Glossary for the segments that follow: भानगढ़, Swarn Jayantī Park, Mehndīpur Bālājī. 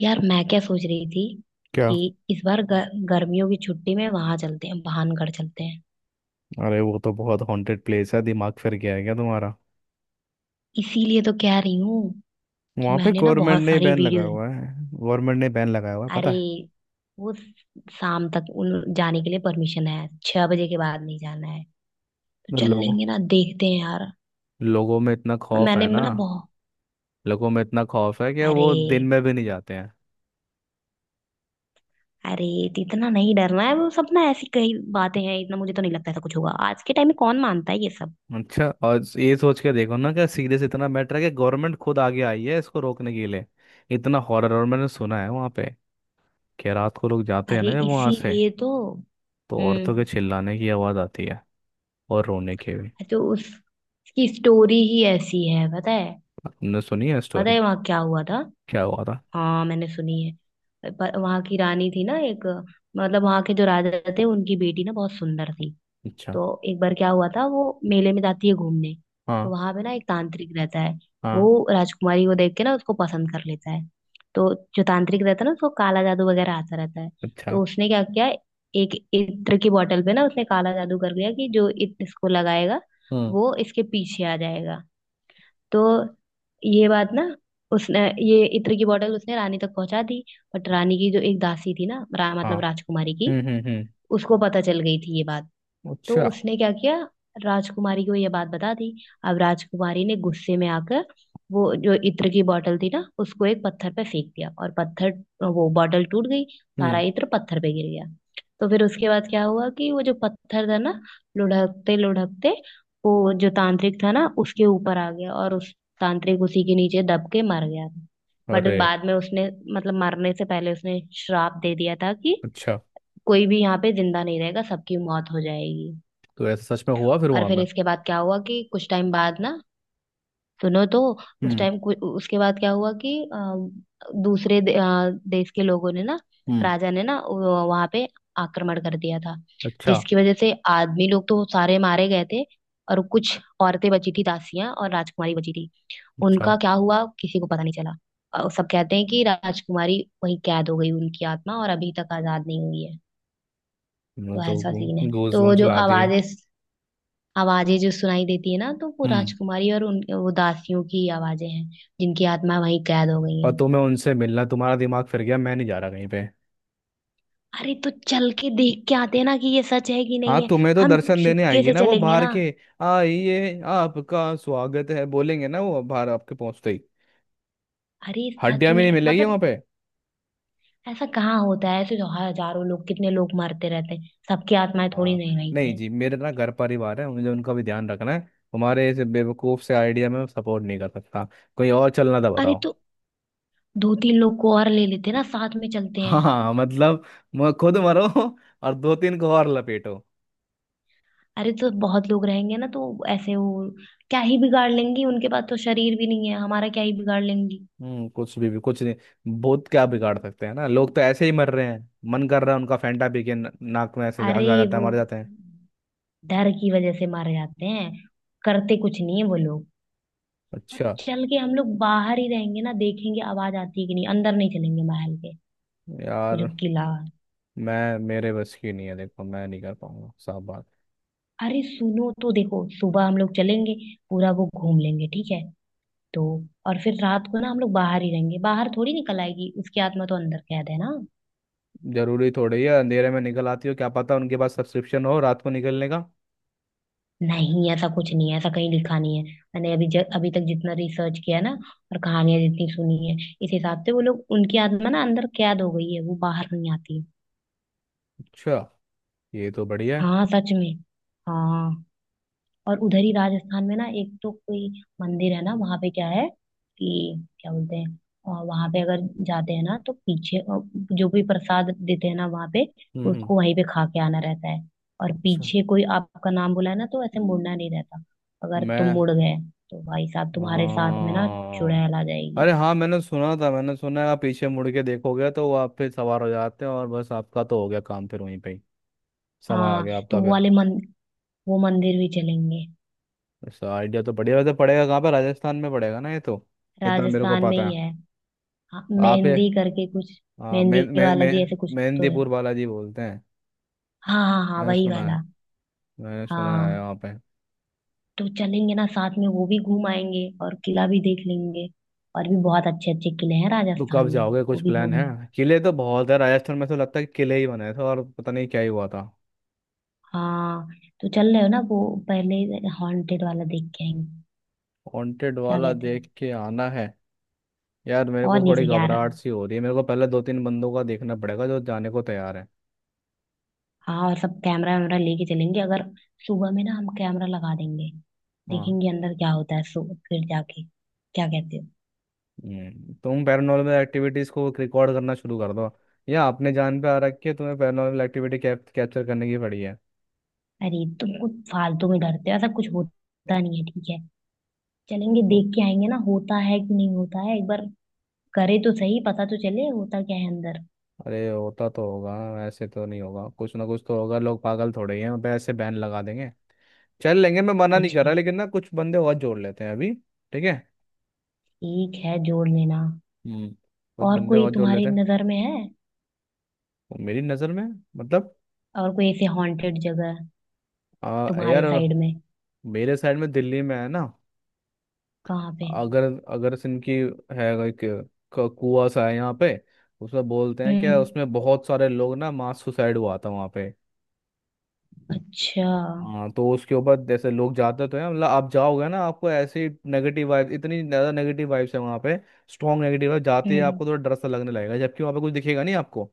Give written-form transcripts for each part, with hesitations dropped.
यार मैं क्या सोच रही थी क्या? कि इस बार गर्मियों की छुट्टी में वहां चलते हैं, भानगढ़ चलते हैं। अरे, वो तो बहुत हॉन्टेड प्लेस है। दिमाग फिर गया है क्या तुम्हारा? इसीलिए तो कह रही हूँ कि वहां पे मैंने ना गवर्नमेंट बहुत ने सारी बैन लगाया वीडियोस। हुआ है। गवर्नमेंट ने बैन लगाया हुआ है, पता अरे है? वो शाम तक उन जाने के लिए परमिशन है, 6 बजे के बाद नहीं जाना है। तो तो चल लोगों लेंगे ना, देखते हैं यार। लोगों में इतना खौफ मैंने है ना। ना बहुत। लोगों में इतना खौफ है कि अरे वो दिन में भी नहीं जाते हैं। अरे, तो इतना नहीं डरना है। वो सब ना ऐसी कई बातें हैं, इतना मुझे तो नहीं लगता ऐसा कुछ होगा। आज के टाइम में कौन मानता है ये सब। अच्छा, और ये सोच के देखो ना कि सीरियस इतना मैटर है कि गवर्नमेंट खुद आगे आई है इसको रोकने के लिए। इतना हॉरर। और मैंने सुना है वहां पे कि रात को लोग जाते हैं अरे ना, जब वहां से, इसीलिए तो। तो औरतों के हम्म, चिल्लाने की आवाज आती है। और रोने की भी। तो उस उसकी स्टोरी ही ऐसी है, पता है। तुमने सुनी है पता स्टोरी? है वहां क्या हुआ था। क्या हुआ था? हाँ मैंने सुनी है, पर वहां की रानी थी ना एक, मतलब वहां के जो राजा थे उनकी बेटी ना बहुत सुंदर थी। अच्छा। तो एक बार क्या हुआ था, वो मेले में जाती है घूमने। तो हाँ। वहां पे ना एक तांत्रिक रहता है। वो हाँ। राजकुमारी को देख के ना उसको पसंद कर लेता है। तो जो तांत्रिक रहता है ना, उसको काला जादू वगैरह आता रहता है। अच्छा। तो उसने क्या किया, एक इत्र की बोतल पे ना उसने काला जादू कर दिया कि जो इत्र इसको लगाएगा, हम्म। वो इसके पीछे आ जाएगा। तो ये बात ना उसने, ये इत्र की बोतल उसने रानी तक पहुंचा दी। बट रानी की जो एक दासी थी ना, हाँ। मतलब राजकुमारी की, हम्म। उसको पता चल गई थी ये बात। तो अच्छा। उसने क्या किया, राजकुमारी को ये बात बता दी। अब राजकुमारी ने गुस्से में आकर वो जो इत्र की बोतल थी ना, उसको एक पत्थर पे फेंक दिया, और पत्थर, वो बोतल टूट गई, सारा हम्म। इत्र पत्थर पे गिर गया। तो फिर उसके बाद क्या हुआ कि वो जो पत्थर था ना, लुढ़कते लुढ़कते वो जो तांत्रिक था ना उसके ऊपर आ गया, और उस तांत्रिक उसी के नीचे दब के मर गया था। बट अरे! बाद में उसने, मतलब मरने से पहले उसने श्राप दे दिया था कि अच्छा। कोई भी यहाँ पे जिंदा नहीं रहेगा, सबकी मौत हो जाएगी। तो ऐसा सच में हुआ फिर और वहां फिर पे? इसके बाद क्या हुआ कि कुछ टाइम बाद ना, सुनो तो, उस हम्म। टाइम उसके बाद क्या हुआ कि देश के लोगों ने ना, हम्म। राजा ने ना वहां पे आक्रमण कर दिया था। अच्छा। जिसकी वजह से आदमी लोग तो सारे मारे गए थे, और कुछ औरतें बची थी, दासियां और राजकुमारी बची थी। अच्छा। उनका क्या हुआ किसी को पता नहीं चला। और सब कहते हैं कि राजकुमारी वहीं कैद हो गई, उनकी आत्मा, और अभी तक आजाद नहीं हुई है। मैं तो तो, ऐसा सीन है, गूज तो बम्स जो ला दिए। आवाजें आवाजें जो सुनाई देती है ना, तो वो हम्म। राजकुमारी और उन वो दासियों की आवाजें हैं, जिनकी आत्मा वहीं कैद हो गई और है। तुम्हें उनसे मिलना? तुम्हारा दिमाग फिर गया। मैं नहीं जा रहा कहीं पे। अरे तो चल के देख के आते हैं ना कि ये सच है कि हाँ, नहीं है। तुम्हें तो हम दर्शन देने चुपके आएगी से ना वो, चलेंगे बाहर ना। के आइए आपका स्वागत है बोलेंगे ना वो बाहर आपके पहुंचते ही। अरे सच हड्डियां भी में, नहीं मिलेगी वहां मतलब पे। ऐसा कहाँ होता है। ऐसे तो हजारों लोग, कितने लोग मरते रहते हैं, सबकी आत्माएं थोड़ी हाँ, नहीं रहती नहीं हैं। जी, मेरे ना घर परिवार है, मुझे उनका भी ध्यान रखना है। तुम्हारे इस बेवकूफ से आइडिया में सपोर्ट नहीं कर सकता। कोई और चलना था अरे बताओ। तो दो तीन लोग को और ले लेते हैं ना, साथ में चलते हैं। हाँ मतलब, खुद मरो और दो तीन को और लपेटो। अरे तो बहुत लोग रहेंगे ना, तो ऐसे वो क्या ही बिगाड़ लेंगी। उनके पास तो शरीर भी नहीं है, हमारा क्या ही बिगाड़ लेंगी। हम्म, कुछ भी कुछ नहीं। बहुत क्या बिगाड़ सकते हैं ना, लोग तो ऐसे ही मर रहे हैं। मन कर रहा है उनका, फैंटा पी के नाक में ऐसे झाग अरे जा जाता है, वो मर जाते हैं। डर की वजह से मारे जाते हैं, करते कुछ नहीं है वो लोग। और अच्छा। चल के हम लोग बाहर ही रहेंगे ना, देखेंगे आवाज आती है कि नहीं, अंदर नहीं चलेंगे महल के। वो जो यार किला, मैं, मेरे बस की नहीं है देखो, मैं नहीं कर पाऊंगा साफ बात। अरे सुनो तो, देखो सुबह हम लोग चलेंगे, पूरा वो घूम लेंगे, ठीक है। तो और फिर रात को ना हम लोग बाहर ही रहेंगे, बाहर थोड़ी निकल आएगी उसकी आत्मा, तो अंदर कैद है ना। जरूरी थोड़ी है अंधेरे में निकल आती हो, क्या पता उनके पास सब्सक्रिप्शन हो रात को निकलने का। नहीं ऐसा कुछ नहीं है, ऐसा कहीं लिखा नहीं है। मैंने अभी अभी तक जितना रिसर्च किया ना, और कहानियां जितनी सुनी है, इस हिसाब से वो लोग, उनकी आत्मा ना अंदर कैद हो गई है, वो बाहर नहीं आती है। अच्छा, ये तो बढ़िया है। हाँ सच में। हाँ, और उधर ही राजस्थान में ना एक तो कोई मंदिर है ना, वहां पे क्या है, कि क्या बोलते हैं। और वहां पे अगर जाते हैं ना, तो पीछे जो भी प्रसाद देते हैं ना वहां पे, हम्म। हम्म। उसको वहीं पे खा के आना रहता है। और अच्छा। पीछे कोई आपका नाम बुलाए ना, तो ऐसे मुड़ना नहीं मैं, रहता। अगर तुम मुड़ गए तो भाई साहब तुम्हारे साथ में ना हाँ। चुड़ैल आ जाएगी। अरे हाँ, मैंने सुना था, मैंने सुना है। आप पीछे मुड़ के देखोगे तो वो आप फिर सवार हो जाते हैं, और बस आपका तो हो गया काम फिर वहीं पे ही। समय आ हाँ गया तो आपका वो फिर। वाले मन वो मंदिर भी चलेंगे। ऐसा आइडिया तो बढ़िया वैसे, पड़ेगा कहाँ पे? राजस्थान में पड़ेगा ना ये तो? इतना मेरे को राजस्थान में पता ही है। है। हाँ, आप ये, मेहंदी करके कुछ, हाँ, मे मेहंदी मे वाला मे जी ऐसे कुछ तो है। मेहंदीपुर बालाजी बोलते हैं। हाँ हाँ हाँ, मैंने वही सुना है, वाला। मैंने सुना है हाँ वहाँ पे। तो चलेंगे ना साथ में, वो भी घूम आएंगे और किला भी देख लेंगे। और भी बहुत अच्छे अच्छे किले हैं तो राजस्थान कब में। जाओगे, कुछ वो भी प्लान घूम। है? किले तो बहुत है राजस्थान में, तो लगता है कि किले ही बनाए थे और पता नहीं क्या ही हुआ था। हाँ तो चल रहे हो ना वो, पहले हॉन्टेड वाला देख के आएंगे। वांटेड क्या वाला कहते हो। देख के आना है। यार मेरे और को नहीं थोड़ी तो यार। घबराहट सी हो रही है, मेरे को पहले दो तीन बंदों का देखना पड़ेगा जो जाने को तैयार है। हाँ, और सब कैमरा वैमरा लेके चलेंगे। अगर सुबह में ना हम कैमरा लगा देंगे, हाँ। देखेंगे अंदर क्या होता है। सो फिर जाके क्या कहते हो। तुम पैरानॉर्मल एक्टिविटीज को रिकॉर्ड करना शुरू कर दो। या अपने जान पे आ रखी है, तुम्हें पैरानॉर्मल एक्टिविटी कैप्चर करने की पड़ी है। अरे तुम कुछ फालतू में डरते हो, ऐसा कुछ होता नहीं है, ठीक है। चलेंगे ओ, देख के आएंगे ना, होता है कि नहीं होता है, एक बार करे तो सही, पता तो चले होता क्या है अंदर। अरे होता तो होगा। ऐसे तो नहीं होगा, कुछ ना कुछ तो होगा। लोग पागल थोड़े ही हैं उन पे ऐसे बैन लगा देंगे। चल लेंगे, मैं मना नहीं कुछ कर रहा, नहीं। लेकिन ना कुछ बंदे और जोड़ लेते हैं अभी। ठीक है। ठीक है, जोड़ लेना। हम्म। कुछ और बंदे कोई और जोड़ तुम्हारी लेते हैं। नजर में है। और मेरी नज़र में, मतलब, और कोई ऐसे हॉन्टेड जगह, तुम्हारे यार साइड में। मेरे साइड में दिल्ली में है ना। कहाँ पे। अगर, अगर सिंह की, है एक, कुआं सा है यहाँ पे। उसमें बोलते हैं क्या, हम्म। उसमें बहुत सारे लोग ना मास सुसाइड हुआ था वहाँ पे। अच्छा। हाँ, तो उसके ऊपर जैसे लोग जाते तो हैं, मतलब आप जाओगे ना आपको ऐसी नेगेटिव वाइब, इतनी ज़्यादा नेगेटिव वाइब्स है वहाँ पे। स्ट्रॉन्ग नेगेटिव वाइब, जाते ही हम्म। आपको थोड़ा डर सा लगने लगेगा, जबकि वहाँ पे कुछ दिखेगा नहीं आपको।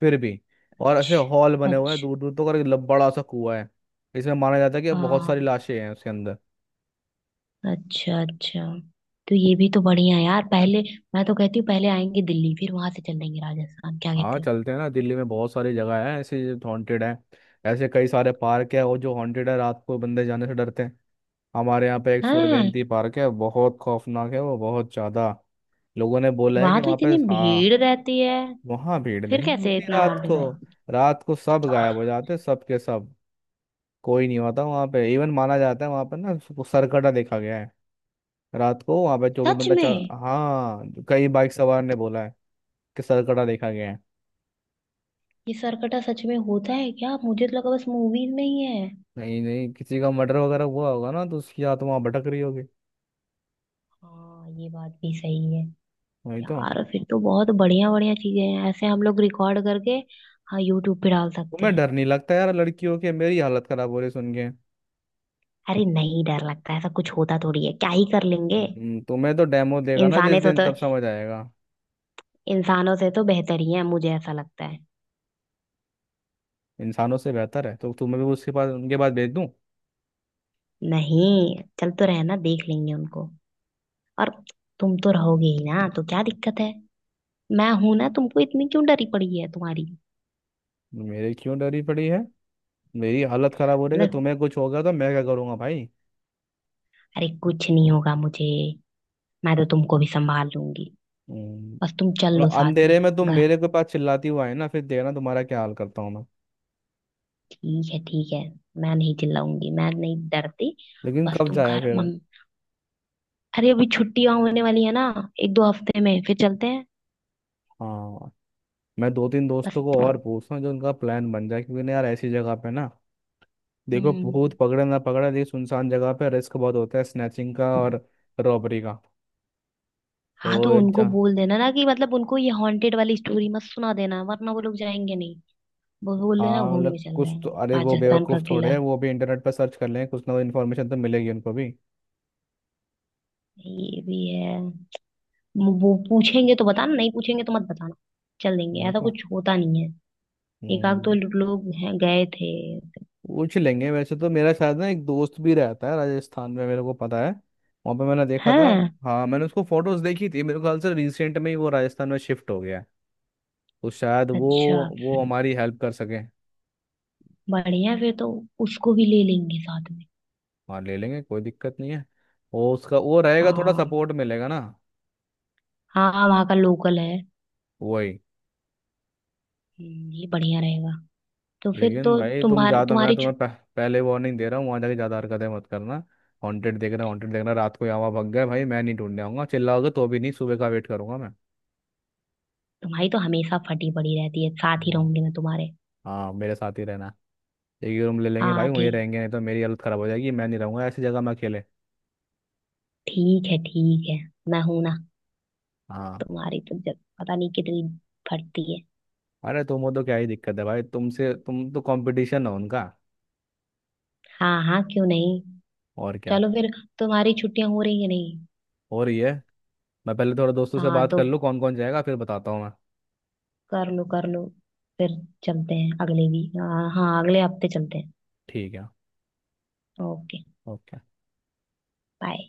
फिर भी। और ऐसे हॉल अच्छा बने हुए हैं अच्छा। दूर दूर तक, और एक बड़ा सा कुआ है। इसमें माना जाता है कि बहुत हाँ। सारी लाशें हैं उसके अंदर। अच्छा अच्छा। तो ये भी तो बढ़िया है यार। पहले, मैं तो कहती हूँ, पहले आएंगे दिल्ली, फिर वहां से चलेंगे राजस्थान, क्या हाँ, कहते हो। चलते हैं ना, दिल्ली में बहुत सारी जगह है ऐसे। हॉन्टेड है। ऐसे कई सारे पार्क है और जो हॉन्टेड है, रात को बंदे जाने से डरते हैं। हमारे यहाँ पे एक स्वर्ण हाँ। जयंती पार्क है, बहुत खौफनाक है वो, बहुत ज़्यादा। लोगों ने बोला है कि वहां तो वहां पे, इतनी हाँ। भीड़ रहती है। वहां भीड़ फिर नहीं कैसे होती इतना रात हॉन्टेड को। है। रात को सब गायब हो जाते, सब के सब। कोई नहीं होता वहां पे। इवन माना जाता है वहां पर ना उसको सरकटा देखा गया है। रात को वहां पे जो भी सच बंदा चल, में। हाँ। कई बाइक सवार ने बोला है कि सरकटा देखा गया है। ये सरकटा सच में होता है क्या, मुझे तो लगा बस मूवीज में ही है। नहीं नहीं, किसी का मर्डर वगैरह हुआ होगा ना, तो उसकी आत्मा वहां भटक रही होगी। हाँ ये बात भी सही है। वही तो। यार फिर तो बहुत बढ़िया बढ़िया चीजें हैं। ऐसे हम लोग रिकॉर्ड करके, हाँ, यूट्यूब पे डाल सकते तुम्हें हैं। डर नहीं लगता यार? लड़कियों के, मेरी हालत खराब हो रही सुन के। अरे नहीं, डर लगता है, ऐसा कुछ होता थोड़ी है, क्या ही कर लेंगे। तुम्हें तो डेमो देगा ना जिस इंसाने से दिन, तो, तब समझ आएगा। इंसानों से तो बेहतर ही है मुझे ऐसा लगता है। इंसानों से बेहतर है तो तुम्हें भी उसके पास, उनके पास भेज दूं? नहीं चल तो, रहना देख लेंगे उनको। और तुम तो रहोगे ही ना, तो क्या दिक्कत है। मैं हूं ना, तुमको इतनी क्यों डरी पड़ी है तुम्हारी। मेरे क्यों डरी पड़ी है? मेरी हालत खराब हो रही है कि मतलब, तुम्हें कुछ हो गया तो मैं क्या करूंगा भाई। अरे कुछ नहीं होगा मुझे। मैं तो तुमको भी संभाल लूंगी, हम्म, बस तुम और चल लो साथ में। अंधेरे में तुम घर, मेरे के पास चिल्लाती हुआ है ना, फिर देखना तुम्हारा क्या हाल करता हूँ मैं। ठीक है ठीक है। मैं नहीं चिल्लाऊंगी, मैं नहीं डरती। लेकिन बस कब तुम जाए घर फिर? मम, अरे अभी छुट्टियां होने वाली है ना, एक दो हफ्ते में फिर चलते हैं। हाँ, मैं दो तीन दोस्तों को बस। और पूछता हूँ, जो उनका प्लान बन जाए, क्योंकि ना यार ऐसी जगह पे ना, देखो हम्म। भूत पकड़े ना पकड़े, लेकिन सुनसान जगह पे रिस्क बहुत होता है स्नैचिंग का और रॉबरी का। हाँ तो तो एक उनको जा बोल देना ना कि, मतलब उनको ये हॉन्टेड वाली स्टोरी मत सुना देना, वरना वो लोग जाएंगे नहीं। वो बोल देना हाँ घूमने मतलब चल रहे कुछ तो, हैं अरे वो राजस्थान का बेवकूफ़ थोड़े किला। हैं, वो भी इंटरनेट पर सर्च कर लेंगे, कुछ ना कुछ इन्फॉर्मेशन तो मिलेगी उनको भी। ये भी है। वो पूछेंगे तो बताना, नहीं पूछेंगे तो मत बताना। चल देंगे, मैं ऐसा तो, कुछ होता नहीं है। एक आध दो हम्म, लोग हैं गए थे। पूछ लेंगे। वैसे तो मेरा शायद ना एक दोस्त भी रहता है राजस्थान में, मेरे को पता है। वहाँ पे मैंने देखा था, हैं। हाँ, मैंने उसको फोटोज देखी थी, मेरे ख्याल से रिसेंट में ही वो राजस्थान में शिफ्ट हो गया है। तो शायद वो अच्छा। वो हमारी हेल्प कर सके। बढ़िया फिर तो, उसको भी ले लेंगे साथ में। हाँ, ले लेंगे, कोई दिक्कत नहीं है। वो उसका वो रहेगा, थोड़ा हाँ सपोर्ट मिलेगा ना। हाँ, वहाँ का लोकल है। वही। ये बढ़िया रहेगा। तो फिर लेकिन तो भाई तुम ज़्यादा, मैं तुम्हारी छु-, तुम्हें पहले वार्निंग दे रहा हूँ, वहाँ जाके ज़्यादा हरकतें मत करना। हॉन्टेड देख रहा, हॉन्टेड देख रहा, रात को यहाँ वहाँ भग गए, भाई मैं नहीं ढूंढने आऊंगा। चिल्लाओगे तो भी नहीं, सुबह का वेट करूंगा मैं। तुम्हारी तो हमेशा फटी पड़ी रहती है, साथ ही हाँ। रहूंगी मैं तुम्हारे। हाँ, मेरे साथ ही रहना। एक रूम ले लेंगे हाँ भाई, वहीं ठीक, रहेंगे, नहीं तो मेरी हालत खराब हो जाएगी। मैं नहीं रहूंगा ऐसी जगह में अकेले। ठीक है ठीक है, मैं हूं ना। हाँ। तुम्हारी तो जब पता नहीं कितनी फटती है। अरे तुम हो तो क्या ही दिक्कत है भाई, तुमसे, तुम तो कंपटीशन हो उनका। हाँ हाँ क्यों नहीं। और क्या। चलो फिर, तुम्हारी छुट्टियां हो रही है नहीं। हो रही है। मैं पहले थोड़ा दोस्तों से हाँ बात कर तो लूँ कौन कौन जाएगा, फिर बताता हूँ मैं। कर लो कर लो, फिर चलते हैं अगले भी। हाँ हाँ, अगले हफ्ते चलते हैं। ठीक है। ओके। ओके। बाय।